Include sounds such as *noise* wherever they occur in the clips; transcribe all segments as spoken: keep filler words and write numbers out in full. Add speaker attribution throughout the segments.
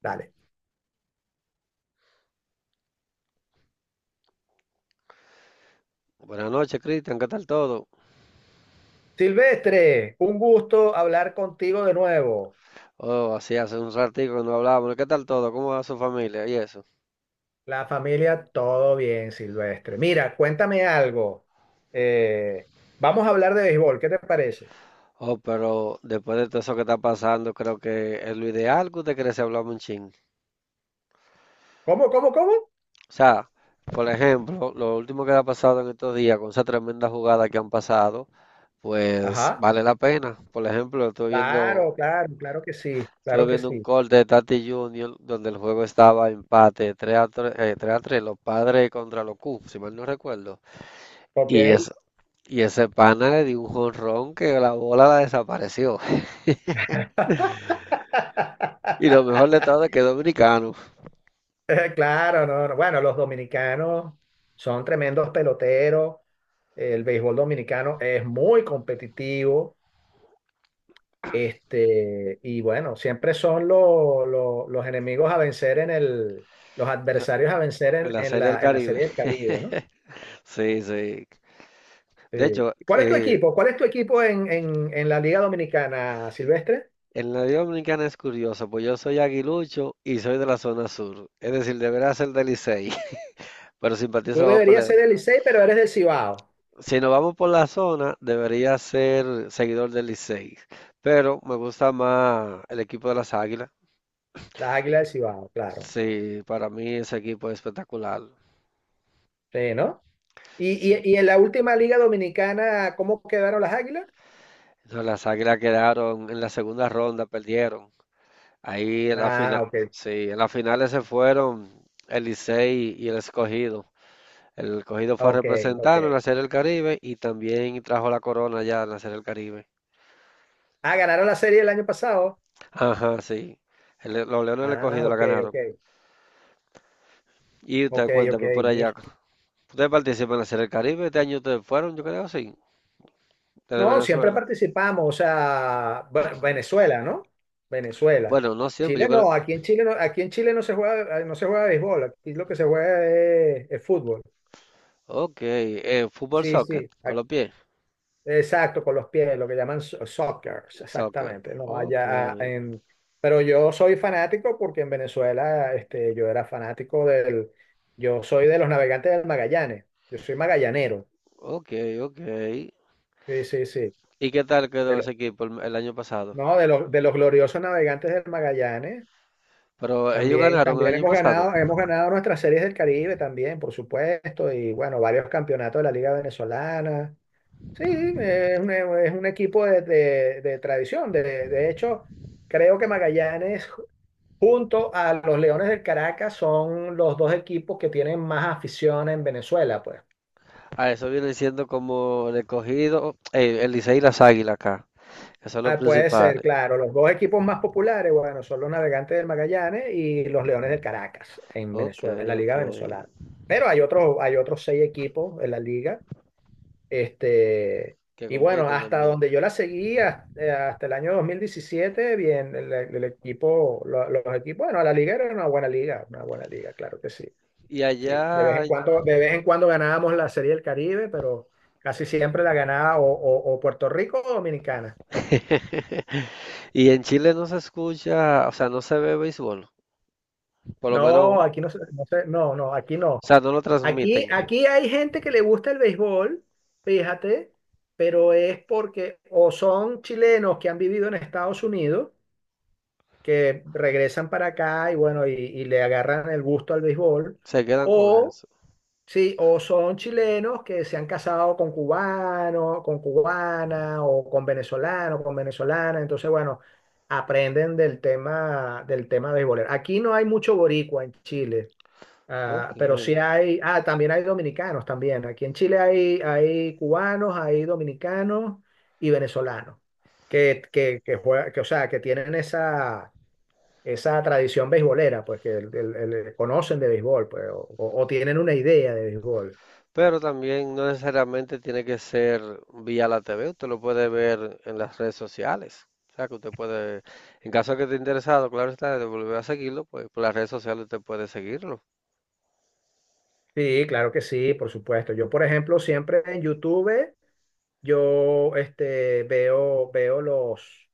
Speaker 1: Dale.
Speaker 2: Buenas noches, Cristian, ¿qué tal todo?
Speaker 1: Silvestre, un gusto hablar contigo de nuevo.
Speaker 2: Oh, así hace un ratico que no hablábamos. ¿Qué tal todo? ¿Cómo va su familia y eso?
Speaker 1: La familia, todo bien, Silvestre. Mira, cuéntame algo. Eh, Vamos a hablar de béisbol, ¿qué te parece?
Speaker 2: Oh, pero después de todo eso que está pasando, creo que es lo ideal que usted cree si hablamos un chin.
Speaker 1: ¿Cómo, cómo, cómo?
Speaker 2: O sea, por ejemplo, lo último que ha pasado en estos días, con esa tremenda jugada que han pasado, pues
Speaker 1: Ajá.
Speaker 2: vale la pena. Por ejemplo, estoy viendo,
Speaker 1: Claro, claro, claro que sí,
Speaker 2: estuve
Speaker 1: claro que
Speaker 2: viendo un
Speaker 1: sí.
Speaker 2: corte de Tati Junior donde el juego estaba empate tres a tres, eh, tres a tres, los padres contra los Cubs, si mal no recuerdo. Y
Speaker 1: Ok.
Speaker 2: es Y ese pana le dio un jonrón que la bola la desapareció. *laughs* Y lo mejor de
Speaker 1: *laughs*
Speaker 2: todo es que es dominicano,
Speaker 1: Eh, Claro, no, no. Bueno, los dominicanos son tremendos peloteros. El béisbol dominicano es muy competitivo. Este, y bueno, siempre son lo- lo- los enemigos a vencer en el, los
Speaker 2: la-
Speaker 1: adversarios a vencer
Speaker 2: en
Speaker 1: en,
Speaker 2: la
Speaker 1: en
Speaker 2: Serie del
Speaker 1: la, en la
Speaker 2: Caribe.
Speaker 1: Serie del Caribe, ¿no?
Speaker 2: *laughs* Sí, sí. De
Speaker 1: Sí.
Speaker 2: hecho,
Speaker 1: ¿Cuál es tu
Speaker 2: eh,
Speaker 1: equipo? ¿Cuál es tu equipo en, en- en la Liga Dominicana, Silvestre?
Speaker 2: en la Liga Dominicana es curioso, pues yo soy aguilucho y soy de la zona sur. Es decir, debería ser del Licey, *laughs* pero
Speaker 1: Tú
Speaker 2: simpatizo más por
Speaker 1: deberías
Speaker 2: la-
Speaker 1: ser del Licey, pero eres del Cibao,
Speaker 2: Si nos vamos por la zona, debería ser seguidor del Licey. Pero me gusta más el equipo de las Águilas.
Speaker 1: las Águilas del Cibao, claro.
Speaker 2: Sí, para mí ese equipo es espectacular.
Speaker 1: Sí, ¿no? Y,
Speaker 2: Sí.
Speaker 1: y, y en la última Liga Dominicana, ¿cómo quedaron las Águilas?
Speaker 2: No, las Águilas quedaron en la segunda ronda, perdieron. Ahí en la final,
Speaker 1: Ah, ok,
Speaker 2: sí, en las finales se fueron el Licey y el Escogido. El Escogido fue a
Speaker 1: ok, ok.
Speaker 2: representarnos en la Serie del Caribe y también trajo la corona ya en la Serie del Caribe.
Speaker 1: Ah, ganaron la serie el año pasado.
Speaker 2: Ajá, sí. El- los Leones del
Speaker 1: Ah,
Speaker 2: Escogido la
Speaker 1: ok, ok,
Speaker 2: ganaron. Y usted
Speaker 1: ok, ok,
Speaker 2: cuéntame por
Speaker 1: mira.
Speaker 2: allá. ¿Ustedes participan en la Serie del Caribe? Este año ustedes fueron, yo creo, sí. Desde
Speaker 1: No, siempre
Speaker 2: Venezuela.
Speaker 1: participamos, o sea, Ve- Venezuela, ¿no? Venezuela.
Speaker 2: Bueno, no siempre, yo
Speaker 1: Chile
Speaker 2: creo.
Speaker 1: no, aquí en Chile no, aquí en Chile no se juega, no se juega béisbol, aquí lo que se juega es, es fútbol.
Speaker 2: Ok, eh, fútbol
Speaker 1: Sí,
Speaker 2: soccer,
Speaker 1: sí,
Speaker 2: con
Speaker 1: ac-
Speaker 2: los pies.
Speaker 1: exacto, con los pies, lo que llaman so- soccer,
Speaker 2: Soccer.
Speaker 1: exactamente. No,
Speaker 2: Ok.
Speaker 1: allá ah, en, pero yo soy fanático porque en Venezuela, este, yo era fanático del, yo soy de los navegantes del Magallanes, yo soy magallanero.
Speaker 2: Ok, ok.
Speaker 1: Sí, sí, sí.
Speaker 2: ¿Y qué tal
Speaker 1: De
Speaker 2: quedó
Speaker 1: lo-
Speaker 2: ese equipo el, el año pasado?
Speaker 1: no, de los, de los gloriosos navegantes del Magallanes.
Speaker 2: Pero ellos
Speaker 1: También,
Speaker 2: ganaron el
Speaker 1: también
Speaker 2: año
Speaker 1: hemos
Speaker 2: pasado.
Speaker 1: ganado, hemos ganado nuestras series del Caribe también, por supuesto, y bueno, varios campeonatos de la Liga Venezolana. Sí, eh, es un, es un equipo de, de- de tradición. De, de hecho, creo que Magallanes, junto a los Leones del Caracas, son los dos equipos que tienen más afición en Venezuela, pues.
Speaker 2: Ah, eso viene siendo como el Escogido, eh, el Licey y las Águilas acá, que son los
Speaker 1: Ah, puede ser,
Speaker 2: principales.
Speaker 1: claro. Los dos equipos más populares, bueno, son los Navegantes del Magallanes y los Leones del Caracas en
Speaker 2: Ok,
Speaker 1: Venezuela, en la
Speaker 2: ok.
Speaker 1: Liga Venezolana. Pero hay otros, hay otros seis equipos en la liga. Este,
Speaker 2: Que
Speaker 1: y bueno,
Speaker 2: compiten
Speaker 1: hasta
Speaker 2: también.
Speaker 1: donde yo la seguí, hasta, eh, hasta el año dos mil diecisiete bien, el, el equipo, lo- los equipos, bueno, la liga era una buena liga, una buena liga, claro que sí.
Speaker 2: Y
Speaker 1: Sí, de vez
Speaker 2: allá,
Speaker 1: en
Speaker 2: en-
Speaker 1: cuando, de vez en cuando ganábamos la Serie del Caribe, pero casi siempre la ganaba o, o- o Puerto Rico o Dominicana.
Speaker 2: *laughs* Y en Chile no se escucha, o sea, no se ve béisbol. Por lo menos,
Speaker 1: No,
Speaker 2: o
Speaker 1: aquí no se- no se- no, no, aquí no.
Speaker 2: sea, no lo
Speaker 1: Aquí,
Speaker 2: transmiten.
Speaker 1: aquí hay gente que le gusta el béisbol, fíjate, pero es porque o son chilenos que han vivido en Estados Unidos que regresan para acá y bueno, y, y le agarran el gusto al béisbol,
Speaker 2: Se quedan con
Speaker 1: o
Speaker 2: eso.
Speaker 1: sí, o son chilenos que se han casado con cubanos, con cubana, o con venezolano, con venezolana, entonces bueno, aprenden del tema, del tema béisbolero. Aquí no hay mucho boricua en Chile. Ah,
Speaker 2: Ok.
Speaker 1: pero sí hay, ah, también hay dominicanos también. Aquí en Chile hay, hay cubanos, hay dominicanos y venezolanos que, que, que juega- que, o sea, que tienen esa, esa tradición beisbolera, pues que el- el- el- eh, conocen de béisbol, pues, o, o- tienen una idea de béisbol.
Speaker 2: Pero también no necesariamente tiene que ser vía la T V, usted lo puede ver en las redes sociales. O sea, que usted puede, en caso de que esté interesado, claro está, de volver a seguirlo, pues por las redes sociales usted puede seguirlo.
Speaker 1: Sí, claro que sí, por supuesto. Yo, por ejemplo, siempre en YouTube, yo este, veo, veo los,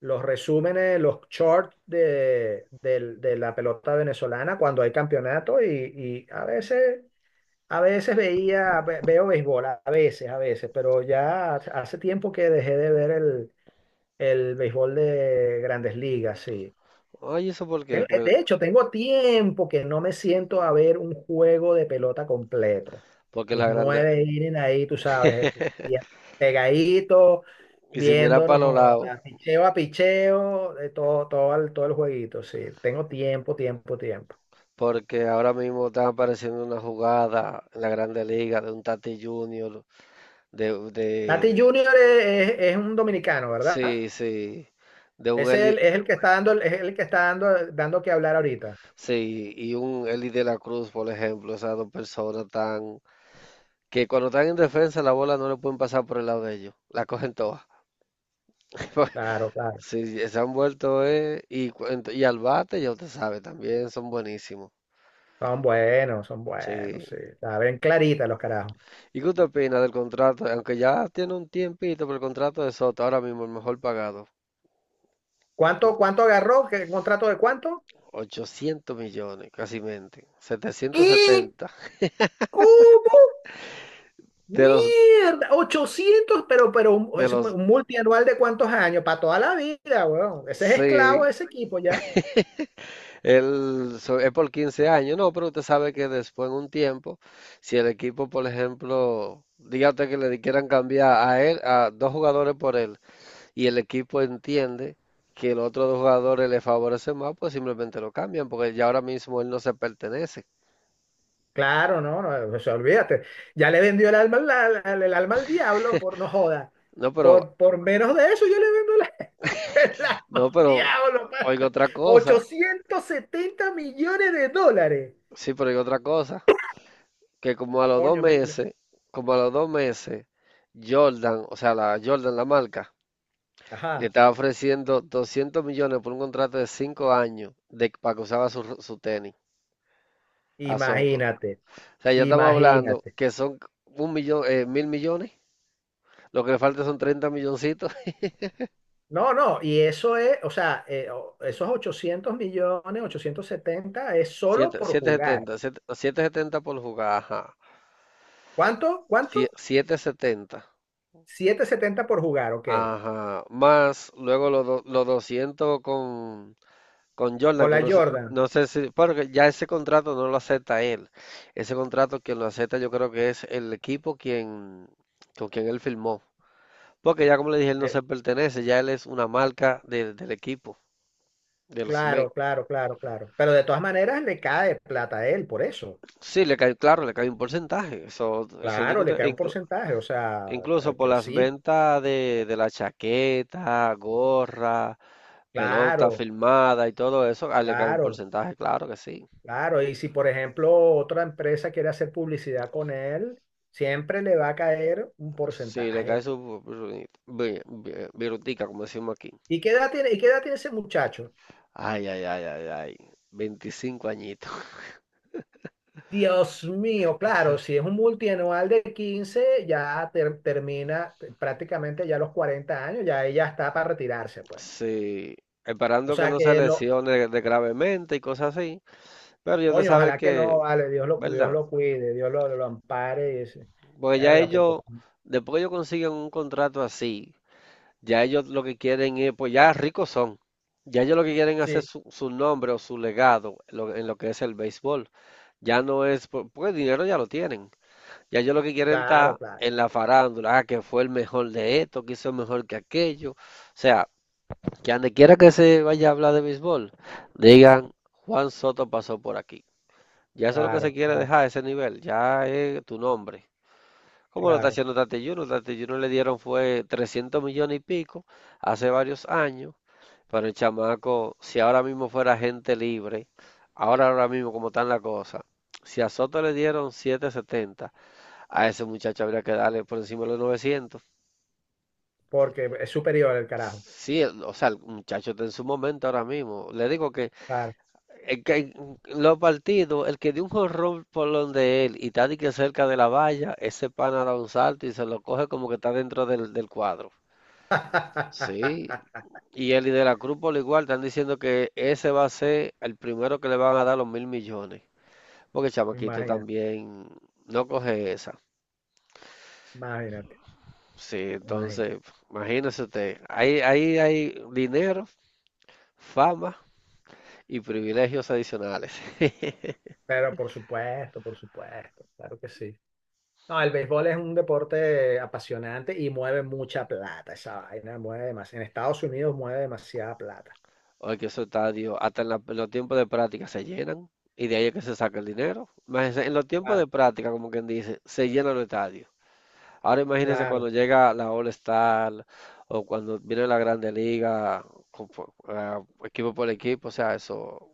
Speaker 1: los resúmenes, los shorts de, del- de la pelota venezolana cuando hay campeonato y, y, a veces, a veces veía, ve- veo béisbol, a a veces, a veces, pero ya hace tiempo que dejé de ver el, el béisbol de grandes ligas, sí.
Speaker 2: Oye, ¿eso por qué?
Speaker 1: Tengo- eh,
Speaker 2: Pues,
Speaker 1: de hecho, tengo tiempo que no me siento a ver un juego de pelota completo.
Speaker 2: porque
Speaker 1: Mis
Speaker 2: la grande,
Speaker 1: nueve vienen ahí, tú sabes, eh, pegaditos,
Speaker 2: y si mira para
Speaker 1: viéndonos,
Speaker 2: los lados,
Speaker 1: joda, picheo a picheo, de todo, todo el, todo el jueguito, sí. Tengo tiempo, tiempo, tiempo.
Speaker 2: porque ahora mismo están apareciendo una jugada en la Grande Liga de un Tati Junior, de,
Speaker 1: Tati
Speaker 2: de,
Speaker 1: Junior es, es- es un dominicano, ¿verdad?
Speaker 2: sí, sí, de un
Speaker 1: Es
Speaker 2: Eli,
Speaker 1: el, es el que está dando, es el que está dando, dando que hablar ahorita.
Speaker 2: sí, y un Eli de la Cruz, por ejemplo, esas dos personas tan que cuando están en defensa la bola no le pueden pasar por el lado de ellos, la cogen todas. *laughs*
Speaker 1: Claro, claro.
Speaker 2: Sí, sí, se han vuelto, eh, y, cu- ent- y al bate, ya usted sabe, también son buenísimos.
Speaker 1: Son buenos, son
Speaker 2: Sí.
Speaker 1: buenos, sí. Está clarita los carajos.
Speaker 2: ¿Y qué usted opina del contrato? Aunque ya tiene un tiempito, pero el contrato de Soto, ahora mismo el mejor pagado,
Speaker 1: ¿Cuánto, cuánto agarró? ¿Qué contrato de cuánto?
Speaker 2: ochocientos millones, casi mente,
Speaker 1: ¿Qué?
Speaker 2: setecientos setenta.
Speaker 1: ¿Cómo?
Speaker 2: De los,
Speaker 1: Mierda, Ochocientos, pero, pero un-
Speaker 2: de
Speaker 1: es
Speaker 2: los,
Speaker 1: un multianual de cuántos años, para toda la vida, weón. Ese es
Speaker 2: sí,
Speaker 1: esclavo de ese equipo ya.
Speaker 2: Él so- es por quince años, no, pero usted sabe que después en un tiempo, si el equipo, por ejemplo, diga usted que le quieran cambiar a él, a dos jugadores por él, y el equipo entiende que los otros dos jugadores le favorecen más, pues simplemente lo cambian, porque ya ahora mismo él no se pertenece.
Speaker 1: Claro, no, no, se olvídate. Ya le vendió el alma, al- al- el alma al diablo, por no joda.
Speaker 2: No, pero,
Speaker 1: Por, por menos de eso, yo le vendo la- *laughs* el alma
Speaker 2: no,
Speaker 1: al
Speaker 2: pero,
Speaker 1: diablo,
Speaker 2: oiga
Speaker 1: pana.
Speaker 2: otra cosa,
Speaker 1: ochocientos setenta millones de dólares.
Speaker 2: sí, pero oiga otra cosa, que como a los dos
Speaker 1: Coño, me- me-
Speaker 2: meses, como a los dos meses, Jordan, o sea, la Jordan, la marca, le
Speaker 1: ajá,
Speaker 2: estaba ofreciendo doscientos millones por un contrato de cinco años de, para que usaba su, su tenis a Soto. O
Speaker 1: imagínate,
Speaker 2: sea, ya estamos hablando
Speaker 1: imagínate.
Speaker 2: que son un millón, eh, mil millones. Lo que le falta son treinta milloncitos. *laughs*
Speaker 1: No, no, y eso es, o sea, eh, o- esos ochocientos millones, ochocientos setenta es solo
Speaker 2: siete,
Speaker 1: por jugar.
Speaker 2: setecientos setenta, siete, setenta por jugar, ajá.
Speaker 1: ¿Cuánto?
Speaker 2: Sie-
Speaker 1: ¿Cuánto?
Speaker 2: setecientos setenta,
Speaker 1: setecientos setenta por jugar, ok.
Speaker 2: ajá. Más luego los, do- los doscientos con, con Jordan,
Speaker 1: Con
Speaker 2: que
Speaker 1: la
Speaker 2: no sé,
Speaker 1: Jordan.
Speaker 2: no sé si, porque ya ese contrato no lo acepta él. Ese contrato quien lo acepta yo creo que es el equipo quien, con quien él firmó. Porque ya como le dije, él no
Speaker 1: Eh,
Speaker 2: se pertenece, ya él es una marca de- del equipo, de los Mets.
Speaker 1: claro, claro, claro, claro. Pero de todas maneras le cae plata a él, por eso.
Speaker 2: Sí, le cae, claro, le cae un porcentaje. Eso, eso
Speaker 1: Claro, le
Speaker 2: indiscute- e
Speaker 1: cae un
Speaker 2: inclu-
Speaker 1: porcentaje, o sea,
Speaker 2: incluso
Speaker 1: eh,
Speaker 2: por
Speaker 1: que
Speaker 2: las
Speaker 1: sí,
Speaker 2: ventas de, de la chaqueta, gorra, pelota
Speaker 1: claro,
Speaker 2: firmada y todo eso, a él le cae un
Speaker 1: claro,
Speaker 2: porcentaje, claro que sí.
Speaker 1: claro. Y si, por ejemplo, otra empresa quiere hacer publicidad con él, siempre le va a caer un
Speaker 2: Sí, le cae
Speaker 1: porcentaje.
Speaker 2: su bru- bru- bru- brutica, como decimos aquí.
Speaker 1: ¿Y qué edad tiene, y qué edad tiene ese muchacho?
Speaker 2: Ay, ay, ay, ay, ay. veinticinco añitos. *laughs*
Speaker 1: Dios mío, claro, si es un multianual de quince, ya ter- termina eh, prácticamente ya los cuarenta años, ya ella está para retirarse, pues.
Speaker 2: Sí.
Speaker 1: O
Speaker 2: Esperando que
Speaker 1: sea
Speaker 2: no se
Speaker 1: que lo,
Speaker 2: lesione de gravemente y cosas así. Pero yo te
Speaker 1: coño,
Speaker 2: sabe
Speaker 1: ojalá que
Speaker 2: que,
Speaker 1: no, vale, Dios lo, Dios
Speaker 2: ¿verdad?
Speaker 1: lo cuide, Dios lo, lo ampare y ese-
Speaker 2: Porque ya
Speaker 1: verga, porque
Speaker 2: ellos, después que ellos consiguen un contrato así, ya ellos lo que quieren es, pues ya ricos son. Ya ellos lo que quieren es hacer
Speaker 1: sí,
Speaker 2: su, su nombre o su legado lo- en lo que es el béisbol. Ya no es, por- porque el dinero ya lo tienen. Ya yo lo que quieren
Speaker 1: claro,
Speaker 2: está
Speaker 1: claro,
Speaker 2: en la farándula, ah, que fue el mejor de esto, que hizo mejor que aquello. O sea, que donde quiera que se vaya a hablar de béisbol, digan, Juan Soto pasó por aquí. Ya eso es lo que se
Speaker 1: claro,
Speaker 2: quiere
Speaker 1: claro,
Speaker 2: dejar, ese nivel, ya es tu nombre. Como lo está
Speaker 1: claro,
Speaker 2: haciendo Tati Junior Tati Junior le dieron fue trescientos millones y pico hace varios años, pero el chamaco, si ahora mismo fuera gente libre, ahora ahora mismo como están las cosas, si a Soto le dieron setecientos setenta, a ese muchacho habría que darle por encima de los novecientos.
Speaker 1: porque es superior el carajo,
Speaker 2: Sí, o sea, el muchacho está en su momento ahora mismo. Le digo que,
Speaker 1: claro.
Speaker 2: el que- en los partidos, el que dio un jorrón por donde él y está de que cerca de la valla, ese pana da un salto y se lo coge como que está dentro del, del cuadro. Sí,
Speaker 1: *laughs*
Speaker 2: y él y De la Cruz por igual están diciendo que ese va a ser el primero que le van a dar los mil millones. Porque Chamaquito
Speaker 1: Imagina,
Speaker 2: también no coge esa.
Speaker 1: imagínate,
Speaker 2: Sí,
Speaker 1: imagínate.
Speaker 2: entonces, imagínese usted, ahí, ahí hay hay dinero, fama y privilegios adicionales. *laughs*
Speaker 1: Pero por supuesto, por supuesto, claro que sí. No, el béisbol es un deporte apasionante y mueve mucha plata. Esa vaina mueve más. En Estados Unidos mueve demasiada plata.
Speaker 2: Porque esos estadios, hasta en, la- en los tiempos de práctica se llenan y de ahí es que se saca el dinero. Imagínense, en los tiempos de
Speaker 1: Claro,
Speaker 2: práctica, como quien dice, se llenan los estadios. Ahora imagínense
Speaker 1: claro,
Speaker 2: cuando llega la All-Star o cuando viene la Grande Liga, con- por- ah, equipo por equipo, o sea, eso,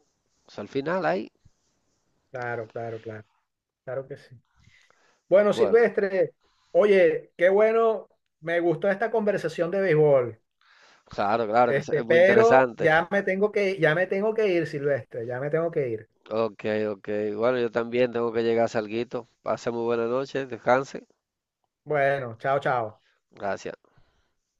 Speaker 2: eso al final ahí,
Speaker 1: claro, claro, claro. Claro que sí. Bueno,
Speaker 2: bueno.
Speaker 1: Silvestre, oye, qué bueno. Me gustó esta conversación de béisbol.
Speaker 2: Claro, claro, que es
Speaker 1: Este,
Speaker 2: es muy
Speaker 1: pero
Speaker 2: interesante.
Speaker 1: ya me tengo que, ya me tengo que ir, Silvestre. Ya me tengo que ir.
Speaker 2: Ok, ok. Bueno, yo también tengo que llegar a salguito. Pase muy buena noche, descanse.
Speaker 1: Bueno, chao, chao.
Speaker 2: Gracias.